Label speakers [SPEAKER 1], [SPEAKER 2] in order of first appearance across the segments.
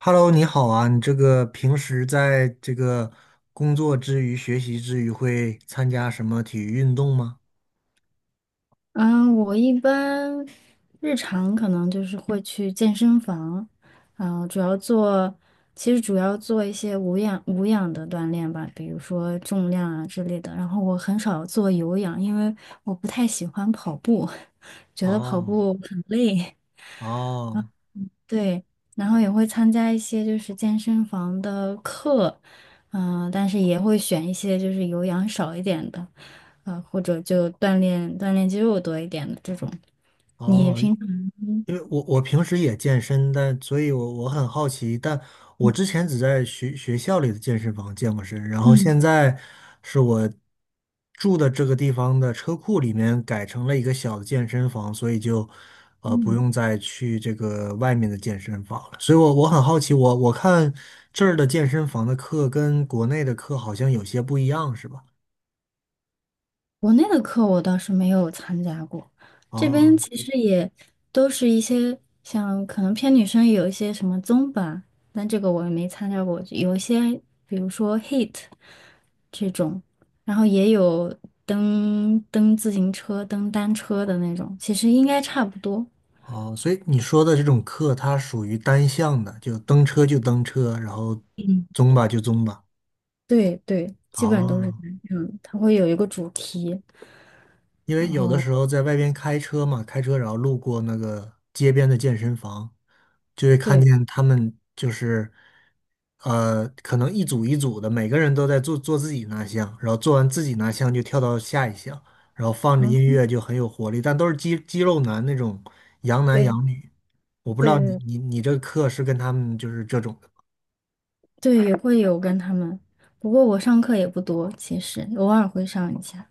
[SPEAKER 1] Hello，你好啊！你这个平时在这个工作之余、学习之余，会参加什么体育运动吗？
[SPEAKER 2] 嗯，我一般日常可能就是会去健身房。嗯，主要做，其实主要做一些无氧的锻炼吧，比如说重量啊之类的。然后我很少做有氧，因为我不太喜欢跑步，觉得跑
[SPEAKER 1] 哦，
[SPEAKER 2] 步很累。
[SPEAKER 1] 哦，
[SPEAKER 2] 对，然后也会参加一些就是健身房的课，但是也会选一些就是有氧少一点的，或者就锻炼锻炼肌肉多一点的这种。你
[SPEAKER 1] 哦，
[SPEAKER 2] 平。
[SPEAKER 1] 因为我平时也健身，但所以我很好奇，但我之前只在学校里的健身房健过身，然后
[SPEAKER 2] 嗯
[SPEAKER 1] 现在是我住的这个地方的车库里面改成了一个小的健身房，所以就不
[SPEAKER 2] 嗯，
[SPEAKER 1] 用再去这个外面的健身房了。所以我很好奇，我看这儿的健身房的课跟国内的课好像有些不一样，是吧？
[SPEAKER 2] 国内的课我倒是没有参加过。这边
[SPEAKER 1] 啊。
[SPEAKER 2] 其实也都是一些像可能偏女生也有一些什么综吧，但这个我也没参加过，有一些比如说 HIIT 这种，然后也有蹬自行车、蹬单车的那种，其实应该差不多。
[SPEAKER 1] 哦，所以你说的这种课，它属于单向的，就蹬车就蹬车，然后
[SPEAKER 2] 嗯，
[SPEAKER 1] 宗吧就宗吧。
[SPEAKER 2] 对对，基本都是
[SPEAKER 1] 哦，
[SPEAKER 2] 这样，它会有一个主题。
[SPEAKER 1] 因为有的时候在外边开车嘛，开车然后路过那个街边的健身房，就会看
[SPEAKER 2] 对，
[SPEAKER 1] 见他们就是，可能一组一组的，每个人都在做做自己那项，然后做完自己那项就跳到下一项，然后放着音
[SPEAKER 2] 嗯，
[SPEAKER 1] 乐就很有活力，但都是肌肉男那种洋男
[SPEAKER 2] 对
[SPEAKER 1] 洋女。我不知
[SPEAKER 2] 对
[SPEAKER 1] 道你
[SPEAKER 2] 对
[SPEAKER 1] 你你这个课是跟他们就是这种的。
[SPEAKER 2] 对，也会有跟他们，不过我上课也不多，其实偶尔会上一下，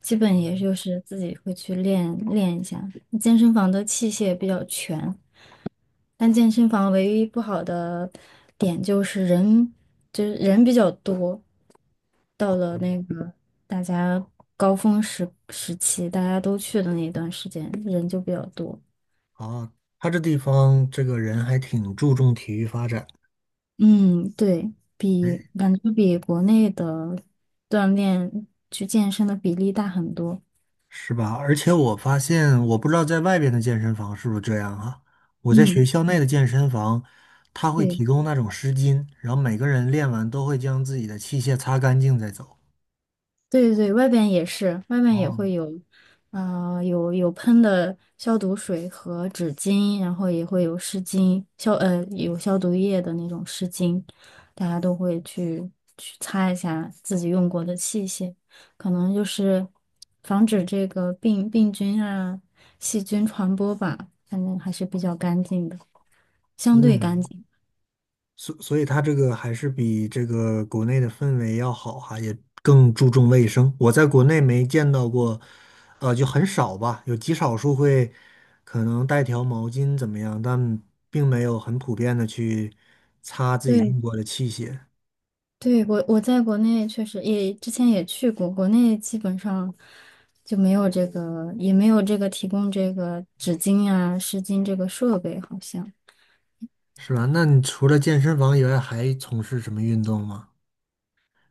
[SPEAKER 2] 基本也就是自己会去练练一下。健身房的器械比较全，但健身房唯一不好的点就是人，就是人比较多。到了那个大家高峰时期，大家都去的那一段时间，人就比较多。
[SPEAKER 1] 吗啊，他这地方这个人还挺注重体育发展。
[SPEAKER 2] 嗯，对，比感觉比国内的锻炼去健身的比例大很多。
[SPEAKER 1] 是吧？而且我发现，我不知道在外边的健身房是不是这样啊？我在学
[SPEAKER 2] 嗯，
[SPEAKER 1] 校内的健身房，他会
[SPEAKER 2] 对
[SPEAKER 1] 提供那种湿巾，然后每个人练完都会将自己的器械擦干净再走。
[SPEAKER 2] 对对，外边也是，外面也
[SPEAKER 1] 哦，
[SPEAKER 2] 会有，有喷的消毒水和纸巾，然后也会有湿巾，有消毒液的那种湿巾，大家都会去擦一下自己用过的器械，可能就是防止这个病菌啊、细菌传播吧，反正还是比较干净的，相对干
[SPEAKER 1] 嗯，
[SPEAKER 2] 净。
[SPEAKER 1] 所以他这个还是比这个国内的氛围要好哈、也更注重卫生。我在国内没见到过，就很少吧，有极少数会可能带条毛巾怎么样，但并没有很普遍的去擦自己
[SPEAKER 2] 对。
[SPEAKER 1] 用过的器械。
[SPEAKER 2] 对，我在国内确实也之前也去过，国内基本上就没有这个，也没有这个提供这个纸巾啊、湿巾这个设备，好像。
[SPEAKER 1] 是吧？那你除了健身房以外，还从事什么运动吗？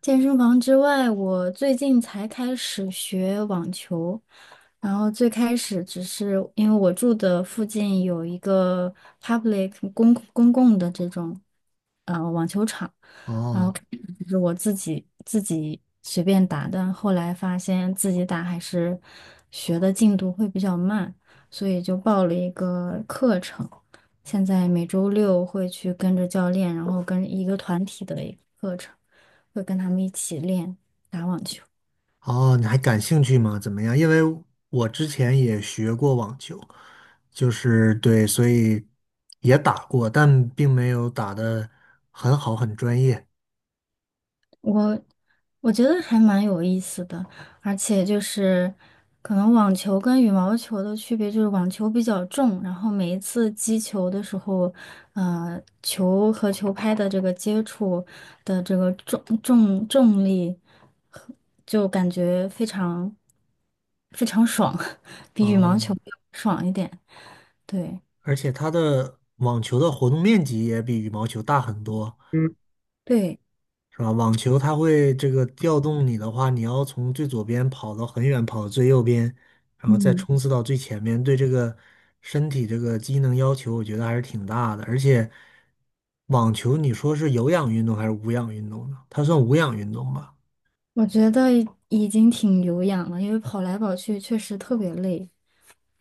[SPEAKER 2] 健身房之外，我最近才开始学网球，然后最开始只是因为我住的附近有一个 public 公共的这种网球场，然后
[SPEAKER 1] 哦
[SPEAKER 2] 开始就是我自己随便打，但后来发现自己打还是学的进度会比较慢，所以就报了一个课程，现在每周六会去跟着教练，然后跟一个团体的一个课程。会跟他们一起练打网球。
[SPEAKER 1] 哦，你还感兴趣吗？怎么样？因为我之前也学过网球，就是对，所以也打过，但并没有打的很好，很专业。
[SPEAKER 2] 我我觉得还蛮有意思的，而且就是可能网球跟羽毛球的区别就是网球比较重，然后每一次击球的时候，球和球拍的这个接触的这个重力和就感觉非常非常爽，比羽毛
[SPEAKER 1] 哦，
[SPEAKER 2] 球要爽一点。对
[SPEAKER 1] 而且它的网球的活动面积也比羽毛球大很多，
[SPEAKER 2] 对，
[SPEAKER 1] 是吧？网球它会这个调动你的话，你要从最左边跑到很远，跑到最右边，然后再
[SPEAKER 2] 嗯。
[SPEAKER 1] 冲刺到最前面，对这个身体这个机能要求，我觉得还是挺大的。而且，网球你说是有氧运动还是无氧运动呢？它算无氧运动吧？
[SPEAKER 2] 我觉得已经挺有氧了，因为跑来跑去确实特别累。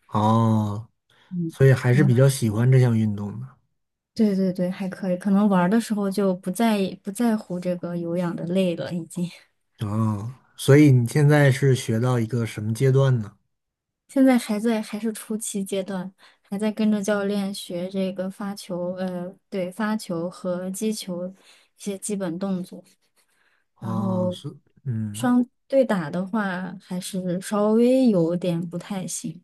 [SPEAKER 1] 哦，
[SPEAKER 2] 嗯，
[SPEAKER 1] 所以还是
[SPEAKER 2] 然后，
[SPEAKER 1] 比较喜欢这项运动的。
[SPEAKER 2] 对对对，还可以，可能玩儿的时候就不在意不在乎这个有氧的累了，已经。
[SPEAKER 1] 哦，所以你现在是学到一个什么阶段呢？
[SPEAKER 2] 现在还是初期阶段，还在跟着教练学这个发球，对，发球和击球一些基本动作。然
[SPEAKER 1] 哦，
[SPEAKER 2] 后
[SPEAKER 1] 是，嗯。
[SPEAKER 2] 对打的话，还是稍微有点不太行。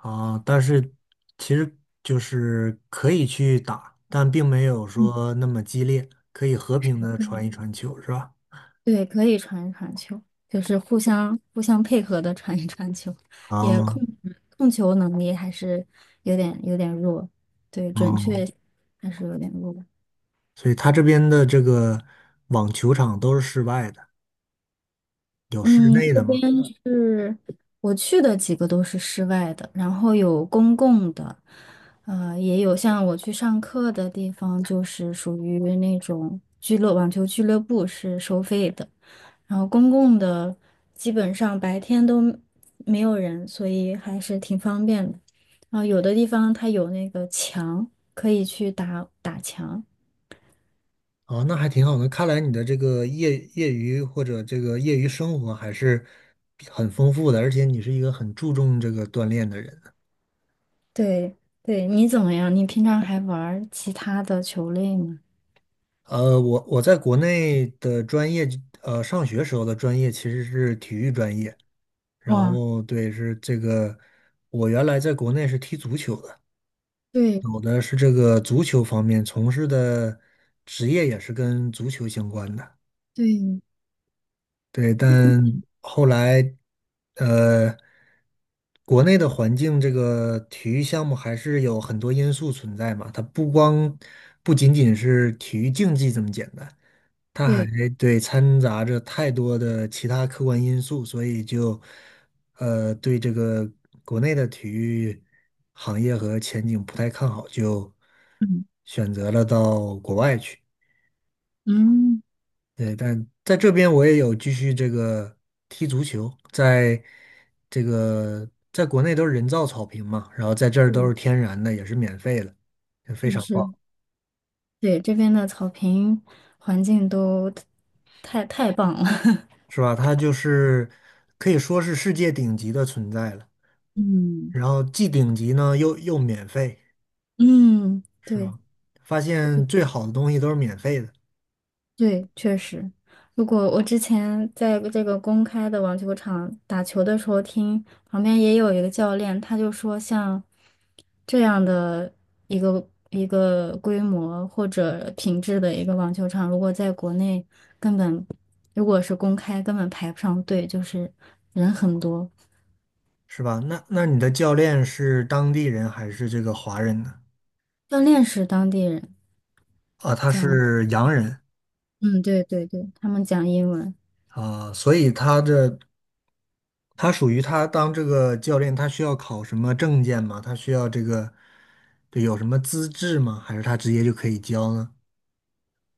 [SPEAKER 1] 啊，但是其实就是可以去打，但并没有说那么激烈，可以和平的传一传球，是吧？
[SPEAKER 2] 对，可以传一传球，就是互相配合的传一传球，也
[SPEAKER 1] 啊，
[SPEAKER 2] 控球能力还是有点弱，对，准确
[SPEAKER 1] 嗯，
[SPEAKER 2] 还是有点弱。
[SPEAKER 1] 所以他这边的这个网球场都是室外的，有室
[SPEAKER 2] 嗯，
[SPEAKER 1] 内
[SPEAKER 2] 这
[SPEAKER 1] 的
[SPEAKER 2] 边
[SPEAKER 1] 吗？
[SPEAKER 2] 是我去的几个都是室外的，然后有公共的，也有像我去上课的地方，就是属于那种网球俱乐部是收费的，然后公共的基本上白天都没有人，所以还是挺方便的。然后有的地方它有那个墙，可以去打打墙。
[SPEAKER 1] 哦，那还挺好的。看来你的这个业余或者这个业余生活还是很丰富的，而且你是一个很注重这个锻炼的人。
[SPEAKER 2] 对对，你怎么样？你平常还玩儿其他的球类吗？
[SPEAKER 1] 我在国内的专业，上学时候的专业其实是体育专业。然
[SPEAKER 2] 哇。
[SPEAKER 1] 后对，是这个，我原来在国内是踢足球的，
[SPEAKER 2] 对
[SPEAKER 1] 我的是这个足球方面从事的职业也是跟足球相关的。
[SPEAKER 2] 对
[SPEAKER 1] 对，但后来，呃，国内的环境，这个体育项目还是有很多因素存在嘛，它不仅仅是体育竞技这么简单。它还
[SPEAKER 2] 对，
[SPEAKER 1] 对掺杂着太多的其他客观因素，所以就对这个国内的体育行业和前景不太看好，就
[SPEAKER 2] 嗯
[SPEAKER 1] 选择了到国外去。
[SPEAKER 2] 嗯
[SPEAKER 1] 对，但在这边我也有继续这个踢足球，在这个在国内都是人造草坪嘛，然后在这儿都
[SPEAKER 2] 嗯，
[SPEAKER 1] 是天然的，也是免费的，就非
[SPEAKER 2] 就
[SPEAKER 1] 常棒，
[SPEAKER 2] 是对这边的草坪环境都太棒了。
[SPEAKER 1] 是吧？它就是可以说是世界顶级的存在了。
[SPEAKER 2] 嗯，
[SPEAKER 1] 然后既顶级呢又免费，
[SPEAKER 2] 嗯，
[SPEAKER 1] 是
[SPEAKER 2] 对，
[SPEAKER 1] 吗？发现最好的东西都是免费的，
[SPEAKER 2] 对，确实，如果我之前在这个公开的网球场打球的时候听，旁边也有一个教练，他就说，像这样的一个一个规模或者品质的一个网球场，如果在国内根本，如果是公开，根本排不上队，就是人很多。
[SPEAKER 1] 是吧？那你的教练是当地人还是这个华人呢？
[SPEAKER 2] 教练是当地人，
[SPEAKER 1] 啊，他
[SPEAKER 2] 讲，
[SPEAKER 1] 是洋人
[SPEAKER 2] 嗯，对对对，他们讲英文。
[SPEAKER 1] 啊，所以他属于他当这个教练，他需要考什么证件吗？他需要这个，对，有什么资质吗？还是他直接就可以教呢？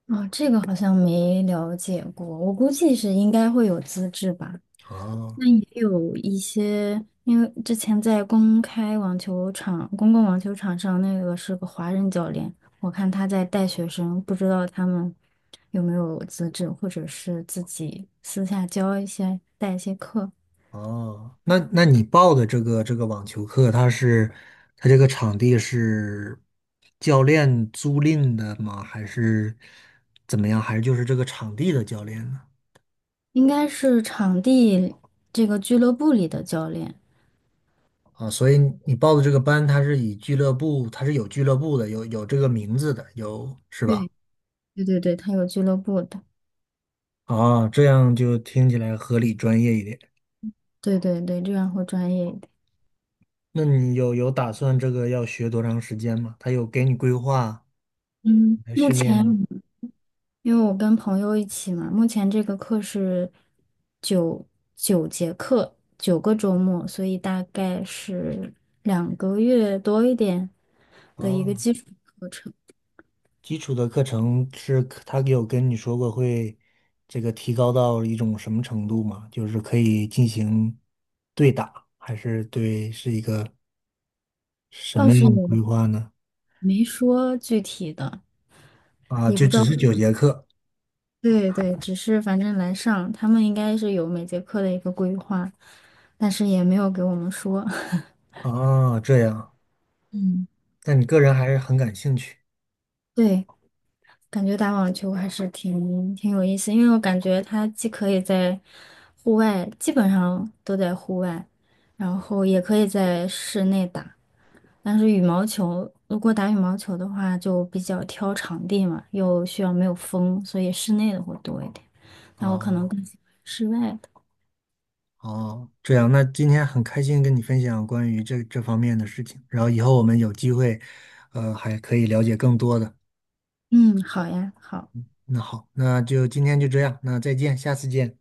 [SPEAKER 2] 啊，这个好像没了解过，我估计是应该会有资质吧。
[SPEAKER 1] 哦。
[SPEAKER 2] 那也有一些，因为之前在公开网球场、公共网球场上，那个是个华人教练，我看他在带学生，不知道他们有没有资质，或者是自己私下教一些、带一些课，
[SPEAKER 1] 哦，那你报的这个网球课，它这个场地是教练租赁的吗？还是怎么样？还是就是这个场地的教练呢？
[SPEAKER 2] 应该是场地这个俱乐部里的教练。
[SPEAKER 1] 啊，所以你报的这个班，它是以俱乐部，它是有俱乐部的，有这个名字的，有是吧？
[SPEAKER 2] 对，对对对，他有俱乐部的，
[SPEAKER 1] 啊，这样就听起来合理专业一点。
[SPEAKER 2] 对对对，这样会专业一点。
[SPEAKER 1] 那你有打算这个要学多长时间吗？他有给你规划
[SPEAKER 2] 嗯，
[SPEAKER 1] 来
[SPEAKER 2] 目
[SPEAKER 1] 训练吗？
[SPEAKER 2] 前因为我跟朋友一起嘛，目前这个课是九九节课，9个周末，所以大概是2个月多一点的一个
[SPEAKER 1] 哦，
[SPEAKER 2] 基础课程，
[SPEAKER 1] 基础的课程是他有跟你说过会这个提高到一种什么程度吗？就是可以进行对打，还是对是一个什
[SPEAKER 2] 倒
[SPEAKER 1] 么
[SPEAKER 2] 是
[SPEAKER 1] 样
[SPEAKER 2] 也
[SPEAKER 1] 的规划呢？
[SPEAKER 2] 没说具体的，
[SPEAKER 1] 啊，
[SPEAKER 2] 也
[SPEAKER 1] 就
[SPEAKER 2] 不知
[SPEAKER 1] 只
[SPEAKER 2] 道
[SPEAKER 1] 是九节课。
[SPEAKER 2] 对对，只是反正来上，他们应该是有每节课的一个规划，但是也没有给我们说。
[SPEAKER 1] 啊，这样。
[SPEAKER 2] 嗯，
[SPEAKER 1] 那你个人还是很感兴趣。
[SPEAKER 2] 对，感觉打网球还是挺有意思，因为我感觉它既可以在户外，基本上都在户外，然后也可以在室内打。但是羽毛球，如果打羽毛球的话，就比较挑场地嘛，又需要没有风，所以室内的会多一点。那我可
[SPEAKER 1] 啊，
[SPEAKER 2] 能更喜欢室外的。
[SPEAKER 1] 哦，这样。那今天很开心跟你分享关于这方面的事情，然后以后我们有机会，还可以了解更多的。
[SPEAKER 2] 嗯，好呀，好。
[SPEAKER 1] 那好，那就今天就这样，那再见，下次见。